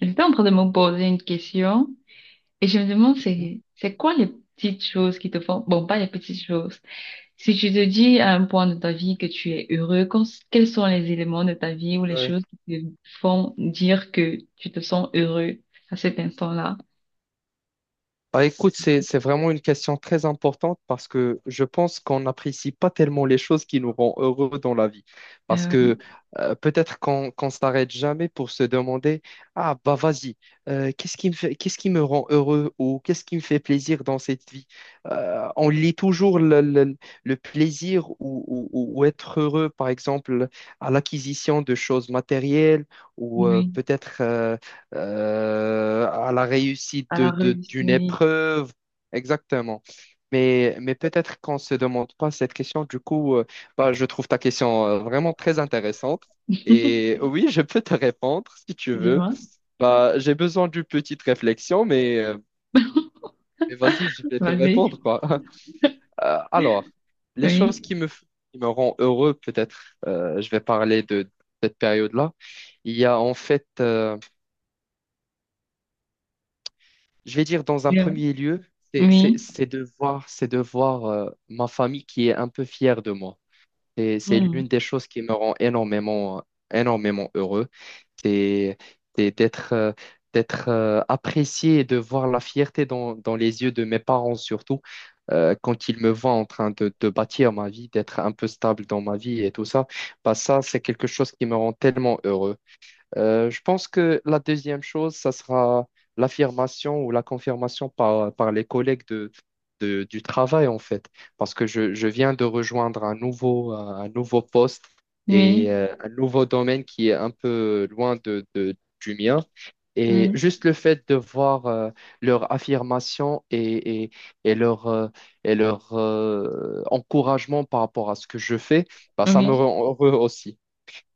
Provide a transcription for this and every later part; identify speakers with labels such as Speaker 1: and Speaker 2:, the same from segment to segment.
Speaker 1: J'étais en train de me poser une question, et je me demande
Speaker 2: Ouais.
Speaker 1: c'est quoi les petites choses qui te font, bon, pas les petites choses, si tu te dis à un point de ta vie que tu es heureux, quels sont les éléments de ta vie ou les choses qui te font dire que tu te sens heureux à cet instant-là?
Speaker 2: Bah, écoute, c'est vraiment une question très importante parce que je pense qu'on n'apprécie pas tellement les choses qui nous rendent heureux dans la vie. Parce
Speaker 1: euh,
Speaker 2: que peut-être qu'on s'arrête jamais pour se demander, ah bah vas-y, qu'est-ce qui me fait, qu'est-ce qui me rend heureux ou qu'est-ce qui me fait plaisir dans cette vie? On lit toujours le plaisir ou être heureux, par exemple, à l'acquisition de choses matérielles
Speaker 1: oui
Speaker 2: ou
Speaker 1: oui,
Speaker 2: peut-être à la réussite
Speaker 1: à la
Speaker 2: de, de-
Speaker 1: réussite.
Speaker 2: d'une épreuve. Exactement. Mais peut-être qu'on ne se demande pas cette question. Du coup, bah, je trouve ta question vraiment très intéressante. Et oui, je peux te répondre si tu veux.
Speaker 1: Dis-moi.
Speaker 2: Bah, j'ai besoin d'une petite réflexion, mais mais vas-y, je vais te
Speaker 1: Vas-y.
Speaker 2: répondre, quoi. Alors, les choses
Speaker 1: Oui.
Speaker 2: qui me rendent heureux, peut-être, je vais parler de cette période-là. Il y a en fait je vais dire dans un
Speaker 1: Bien.
Speaker 2: premier lieu,
Speaker 1: Oui.
Speaker 2: c'est de voir ma famille qui est un peu fière de moi. C'est l'une
Speaker 1: Hmm.
Speaker 2: des choses qui me rend énormément, énormément heureux. C'est c'est d'être apprécié et de voir la fierté dans les yeux de mes parents surtout quand ils me voient en train de bâtir ma vie, d'être un peu stable dans ma vie et tout ça. Bah ça, c'est quelque chose qui me rend tellement heureux. Je pense que la deuxième chose, ça sera l'affirmation ou la confirmation par les collègues du travail, en fait, parce que je viens de rejoindre un nouveau poste
Speaker 1: Oui.
Speaker 2: et un nouveau domaine qui est un peu loin du mien. Et juste le fait de voir leur affirmation et, et, et leur, euh, et leur encouragement par rapport à ce que je fais, bah, ça
Speaker 1: Hmm.
Speaker 2: me
Speaker 1: Oui.
Speaker 2: rend heureux aussi.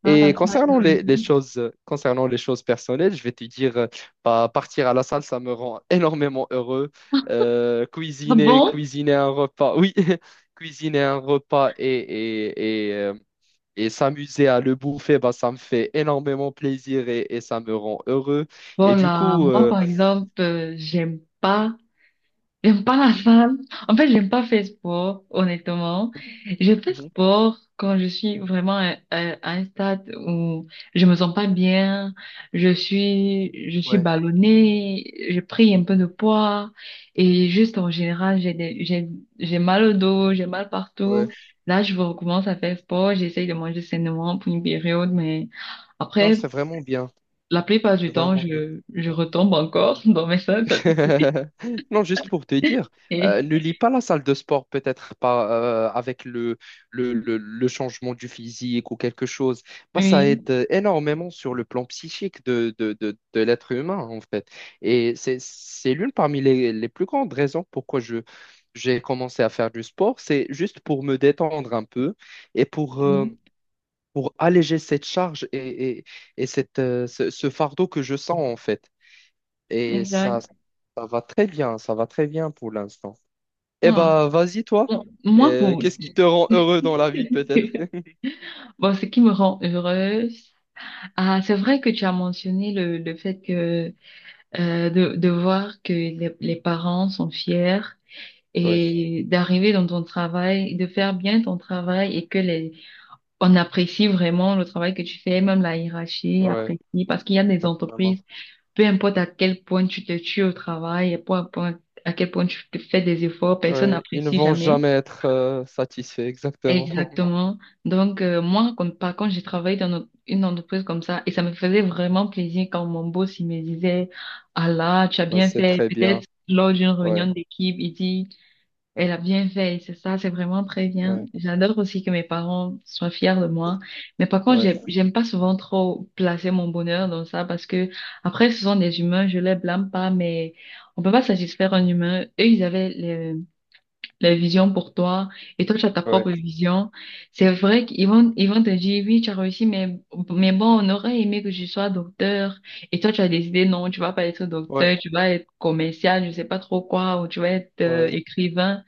Speaker 1: Ah ça,
Speaker 2: Et concernant
Speaker 1: l'ai
Speaker 2: les
Speaker 1: dit.
Speaker 2: choses, concernant les choses personnelles, je vais te dire, bah, partir à la salle, ça me rend énormément heureux.
Speaker 1: Ah bon.
Speaker 2: Cuisiner un repas, oui, cuisiner un repas et s'amuser à le bouffer, bah, ça me fait énormément plaisir et ça me rend heureux. Et du
Speaker 1: Voilà,
Speaker 2: coup,
Speaker 1: moi par exemple, j'aime pas la salle. En fait, j'aime pas faire sport, honnêtement. Je fais
Speaker 2: mhm,
Speaker 1: sport quand je suis vraiment à un stade où je me sens pas bien, je suis
Speaker 2: ouais,
Speaker 1: ballonnée, j'ai pris un peu de poids, et juste en général, j'ai mal au dos, j'ai mal partout.
Speaker 2: ouais,
Speaker 1: Là, je recommence à faire sport, j'essaye de manger sainement pour une période, mais
Speaker 2: non,
Speaker 1: après, la plupart du
Speaker 2: c'est
Speaker 1: temps,
Speaker 2: vraiment bien.
Speaker 1: je retombe encore dans mes salles. Ça.
Speaker 2: Non, juste pour te dire,
Speaker 1: Et-
Speaker 2: ne lis pas la salle de sport, peut-être pas avec le changement du physique ou quelque chose. Bah, ça
Speaker 1: Oui,
Speaker 2: aide énormément sur le plan psychique de l'être humain, en fait. Et c'est l'une parmi les plus grandes raisons pourquoi j'ai commencé à faire du sport. C'est juste pour me détendre un peu et
Speaker 1: oui,
Speaker 2: pour alléger cette charge et cette, ce fardeau que je sens, en fait. Et ça,
Speaker 1: exact.
Speaker 2: ça va très bien pour l'instant. Eh
Speaker 1: Voilà.
Speaker 2: bah, vas-y, toi.
Speaker 1: Bon, moi, pour...
Speaker 2: Qu'est-ce qui te rend heureux dans la vie, peut-être?
Speaker 1: bon, ce qui me rend heureuse, ah, c'est vrai que tu as mentionné le fait que de voir que les parents sont fiers,
Speaker 2: Oui,
Speaker 1: et d'arriver dans ton travail, de faire bien ton travail, et que les, on apprécie vraiment le travail que tu fais, même la hiérarchie
Speaker 2: ouais,
Speaker 1: apprécie, parce qu'il y a des
Speaker 2: exactement.
Speaker 1: entreprises. Peu importe à quel point tu te tues au travail, et peu importe à quel point tu te fais des efforts, personne
Speaker 2: Ouais, ils ne
Speaker 1: n'apprécie
Speaker 2: vont
Speaker 1: jamais.
Speaker 2: jamais être satisfaits, exactement.
Speaker 1: Exactement. Donc, moi, quand, par contre, j'ai travaillé dans une entreprise comme ça, et ça me faisait vraiment plaisir quand mon boss, il me disait, ah là, tu as
Speaker 2: Bah,
Speaker 1: bien
Speaker 2: c'est
Speaker 1: fait.
Speaker 2: très
Speaker 1: Peut-être
Speaker 2: bien.
Speaker 1: lors d'une réunion
Speaker 2: Ouais,
Speaker 1: d'équipe, il dit, elle a bien fait, c'est ça, c'est vraiment très bien.
Speaker 2: ouais,
Speaker 1: J'adore aussi que mes parents soient fiers de moi. Mais par contre,
Speaker 2: ouais,
Speaker 1: j'aime pas souvent trop placer mon bonheur dans ça, parce que après, ce sont des humains, je les blâme pas, mais on peut pas satisfaire un humain. Eux, ils avaient les visions pour toi, et toi, tu as ta
Speaker 2: ouais,
Speaker 1: propre vision. C'est vrai qu'ils vont te dire, oui, tu as réussi, mais bon, on aurait aimé que je sois docteur. Et toi, tu as décidé, non, tu vas pas être
Speaker 2: ouais,
Speaker 1: docteur, tu vas être commercial, je sais pas trop quoi, ou tu vas être
Speaker 2: ouais.
Speaker 1: écrivain.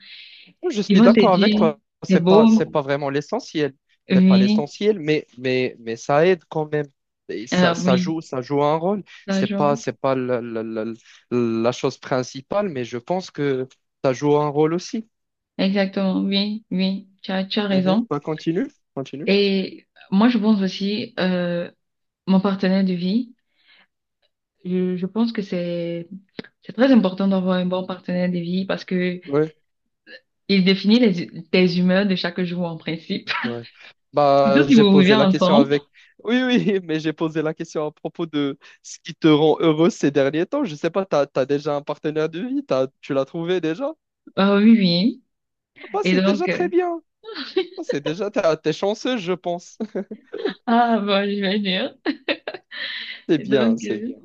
Speaker 2: Oui, je
Speaker 1: Ils
Speaker 2: suis
Speaker 1: vont te
Speaker 2: d'accord avec
Speaker 1: dire,
Speaker 2: toi.
Speaker 1: c'est
Speaker 2: C'est
Speaker 1: beau,
Speaker 2: pas vraiment l'essentiel. C'est pas
Speaker 1: oui,
Speaker 2: l'essentiel, mais ça aide quand même. Et ça,
Speaker 1: oui,
Speaker 2: ça joue un rôle.
Speaker 1: l'argent,
Speaker 2: C'est pas la chose principale, mais je pense que ça joue un rôle aussi.
Speaker 1: exactement, oui, oui, tu as
Speaker 2: Mhm.
Speaker 1: raison.
Speaker 2: Bah, continue.
Speaker 1: Et moi, je pense aussi, mon partenaire de vie, je pense que c'est très important d'avoir un bon partenaire de vie, parce que
Speaker 2: Ouais,
Speaker 1: il définit les, tes humeurs de chaque jour en principe.
Speaker 2: ouais.
Speaker 1: Surtout
Speaker 2: Bah,
Speaker 1: si
Speaker 2: j'ai
Speaker 1: vous vivez
Speaker 2: posé la question
Speaker 1: ensemble.
Speaker 2: avec. Oui, oui, mais j'ai posé la question à propos de ce qui te rend heureux ces derniers temps. Je sais pas, t'as déjà un partenaire de vie, tu l'as trouvé déjà?
Speaker 1: Ah oui, oui.
Speaker 2: Bah,
Speaker 1: Et
Speaker 2: c'est
Speaker 1: donc,
Speaker 2: déjà très bien. Oh, c'est déjà, t'es chanceux, je pense.
Speaker 1: ah, bon, je vais dire.
Speaker 2: C'est
Speaker 1: Et
Speaker 2: bien,
Speaker 1: donc,
Speaker 2: c'est bien.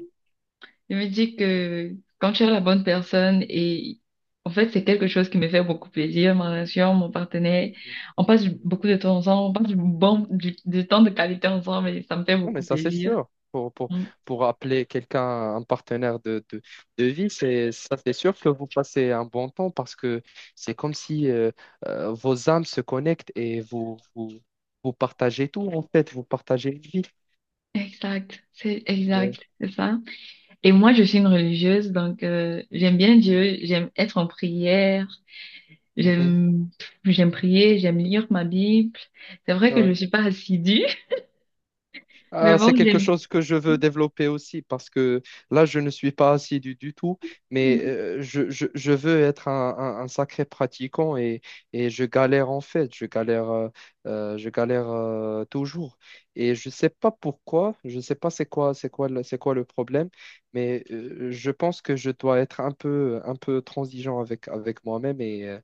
Speaker 1: je me dis que quand tu es la bonne personne, et en fait c'est quelque chose qui me fait beaucoup plaisir, ma relation, mon partenaire, on passe beaucoup de temps ensemble, on passe du bon du temps de qualité ensemble, et ça me fait
Speaker 2: Non, mais
Speaker 1: beaucoup
Speaker 2: ça, c'est
Speaker 1: plaisir.
Speaker 2: sûr.
Speaker 1: Mm.
Speaker 2: Pour appeler quelqu'un un partenaire de vie, c'est, ça, c'est sûr que vous passez un bon temps parce que c'est comme si vos âmes se connectent et vous partagez tout, en fait. Vous partagez une vie. Ouais.
Speaker 1: Exact, c'est ça. Et moi je suis une religieuse, donc j'aime bien Dieu, j'aime être en prière,
Speaker 2: Mhm.
Speaker 1: j'aime j'aime prier, j'aime lire ma Bible. C'est vrai que je
Speaker 2: Ouais.
Speaker 1: suis pas assidue, mais
Speaker 2: Ah,
Speaker 1: bon
Speaker 2: c'est quelque
Speaker 1: j'aime.
Speaker 2: chose que je veux développer aussi parce que là, je ne suis pas assidu du tout, mais
Speaker 1: Mm.
Speaker 2: euh, je, je- je veux être un sacré pratiquant et je galère en fait, je galère toujours. Et je ne sais pas pourquoi, je ne sais pas c'est quoi le problème, mais je pense que je dois être un peu transigeant avec moi-même et, euh,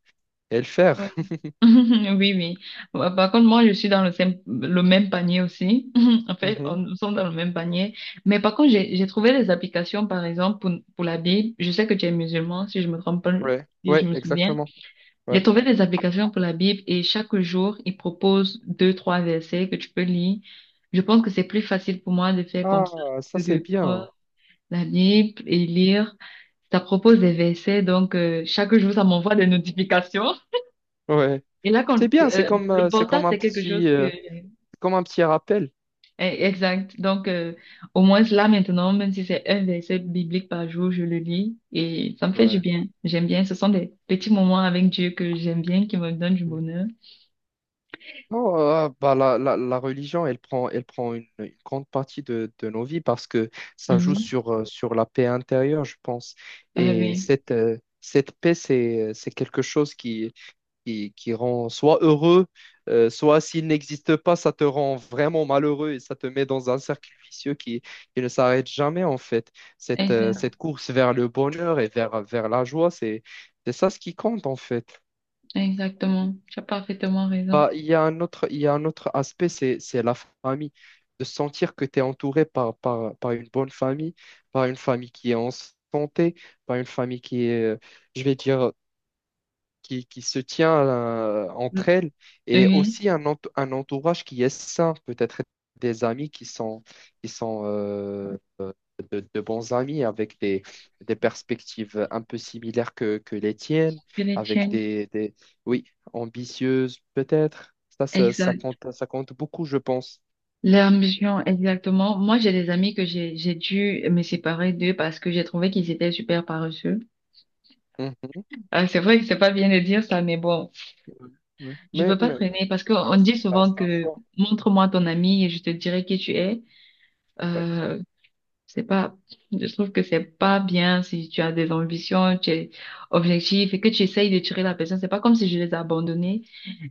Speaker 2: et le faire.
Speaker 1: Ouais. Oui, oui. Bah, par contre, moi, je suis dans le même panier aussi. En fait,
Speaker 2: Mhm.
Speaker 1: nous sommes dans le même panier. Mais par contre, j'ai trouvé des applications, par exemple, pour la Bible. Je sais que tu es musulman, si je me trompe pas,
Speaker 2: Ouais,
Speaker 1: si
Speaker 2: ouais,
Speaker 1: je me souviens.
Speaker 2: exactement.
Speaker 1: J'ai
Speaker 2: Ouais.
Speaker 1: trouvé des applications pour la Bible, et chaque jour, ils proposent deux, trois versets que tu peux lire. Je pense que c'est plus facile pour moi de faire comme ça
Speaker 2: Ah, ça
Speaker 1: que
Speaker 2: c'est
Speaker 1: de prendre
Speaker 2: bien.
Speaker 1: la Bible et lire. Ça propose des versets, donc chaque jour, ça m'envoie des notifications.
Speaker 2: Ouais.
Speaker 1: Et là, quand,
Speaker 2: C'est bien,
Speaker 1: le
Speaker 2: c'est
Speaker 1: portable, c'est quelque chose que...
Speaker 2: comme un petit rappel.
Speaker 1: exact. Donc, au moins là, maintenant, même si c'est un verset biblique par jour, je le lis et ça me fait du
Speaker 2: Ouais.
Speaker 1: bien. J'aime bien. Ce sont des petits moments avec Dieu que j'aime bien, qui me donnent du bonheur.
Speaker 2: Non, bah, la religion, elle prend une grande partie de nos vies parce que ça joue
Speaker 1: Mhm.
Speaker 2: sur, sur la paix intérieure, je pense.
Speaker 1: Ah
Speaker 2: Et
Speaker 1: oui,
Speaker 2: cette, cette paix, c'est quelque chose qui rend soit heureux, soit s'il n'existe pas, ça te rend vraiment malheureux et ça te met dans un cercle vicieux qui ne s'arrête jamais en fait. Cette,
Speaker 1: exact.
Speaker 2: cette course vers le bonheur et vers la joie, c'est ça ce qui compte en fait.
Speaker 1: Exactement. Tu as parfaitement raison.
Speaker 2: Bah, il y a un autre aspect, c'est la famille. De sentir que tu es entouré par une bonne famille, par une famille qui est en santé, par une famille qui est, je vais dire, qui se tient entre elles et
Speaker 1: Oui,
Speaker 2: aussi un entourage qui est sain, peut-être des amis qui sont de bons amis avec des perspectives un peu similaires que les tiennes,
Speaker 1: que les
Speaker 2: avec
Speaker 1: tiennes.
Speaker 2: des oui, ambitieuses peut-être. Ça,
Speaker 1: Exact.
Speaker 2: ça compte beaucoup, je pense.
Speaker 1: L'ambition, exactement. Moi, j'ai des amis que j'ai dû me séparer d'eux, parce que j'ai trouvé qu'ils étaient super paresseux.
Speaker 2: Mhm.
Speaker 1: Ah, c'est vrai que c'est pas bien de dire ça, mais bon,
Speaker 2: Ouais.
Speaker 1: je
Speaker 2: Mais,
Speaker 1: peux pas
Speaker 2: mais
Speaker 1: traîner parce qu'on dit
Speaker 2: ça
Speaker 1: souvent
Speaker 2: reste un
Speaker 1: que
Speaker 2: choix.
Speaker 1: montre-moi ton ami et je te dirai qui tu es.
Speaker 2: Ouais.
Speaker 1: Euh, c'est pas, je trouve que c'est pas bien si tu as des ambitions, tu es objectif, et que tu essayes de tirer la personne. C'est pas comme si je les ai abandonnés.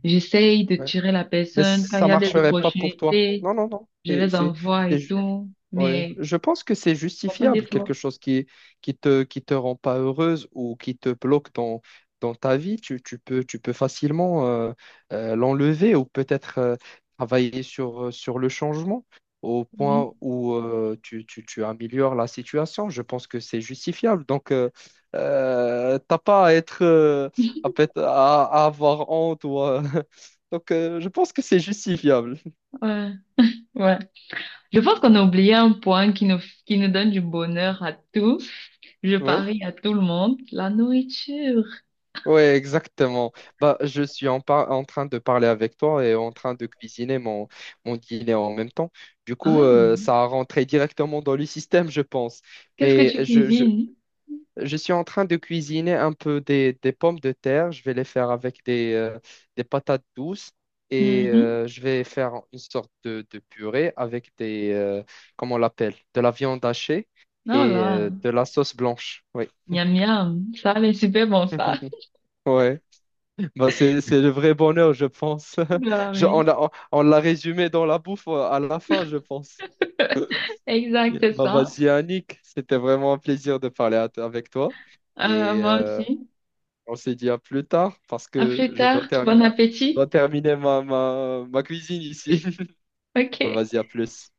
Speaker 1: J'essaye de
Speaker 2: Ouais.
Speaker 1: tirer la
Speaker 2: Mais
Speaker 1: personne. Quand il
Speaker 2: ça
Speaker 1: y a des
Speaker 2: marcherait pas pour toi.
Speaker 1: opportunités,
Speaker 2: Non, non, non.
Speaker 1: je les envoie
Speaker 2: C'est
Speaker 1: et
Speaker 2: ju-
Speaker 1: tout,
Speaker 2: Ouais,
Speaker 1: mais
Speaker 2: je pense que c'est
Speaker 1: faut pas
Speaker 2: justifiable,
Speaker 1: d'effort.
Speaker 2: quelque chose qui qui te rend pas heureuse ou qui te bloque dans dans ta vie, tu peux facilement l'enlever ou peut-être travailler sur sur le changement au point où tu améliores la situation. Je pense que c'est justifiable. Donc t'as pas à être à avoir honte ou donc je pense que c'est justifiable.
Speaker 1: Ouais, ouais. Je pense qu'on a oublié un point qui nous donne du bonheur à tous. Je
Speaker 2: Ouais.
Speaker 1: parie à tout le monde, la nourriture.
Speaker 2: Ouais, exactement. Bah, je suis en, par- en train de parler avec toi et en train de cuisiner mon dîner en même temps. Du coup,
Speaker 1: Oh,
Speaker 2: ça a rentré directement dans le système, je pense.
Speaker 1: qu'est-ce que
Speaker 2: Mais
Speaker 1: tu
Speaker 2: je, je,
Speaker 1: cuisines?
Speaker 2: je suis en train de cuisiner un peu des pommes de terre. Je vais les faire avec des patates douces et
Speaker 1: Mhm.
Speaker 2: je vais faire une sorte de purée avec comment on l'appelle, de la viande hachée
Speaker 1: Oh
Speaker 2: et
Speaker 1: là,
Speaker 2: de la sauce blanche. Oui.
Speaker 1: miam miam, ça a l'air super bon ça.
Speaker 2: Ouais. Bah, c'est le vrai bonheur, je pense.
Speaker 1: Ah
Speaker 2: Je- on
Speaker 1: oui,
Speaker 2: l'a, on l'a résumé dans la bouffe à la fin, je pense.
Speaker 1: exact, c'est
Speaker 2: Bah,
Speaker 1: ça.
Speaker 2: vas-y, Annick, c'était vraiment un plaisir de parler avec toi.
Speaker 1: Euh,
Speaker 2: Et
Speaker 1: moi aussi.
Speaker 2: on se dit à plus tard parce
Speaker 1: À
Speaker 2: que
Speaker 1: plus tard, bon
Speaker 2: je
Speaker 1: appétit.
Speaker 2: dois terminer ma cuisine ici. Bah,
Speaker 1: OK.
Speaker 2: vas-y, à plus.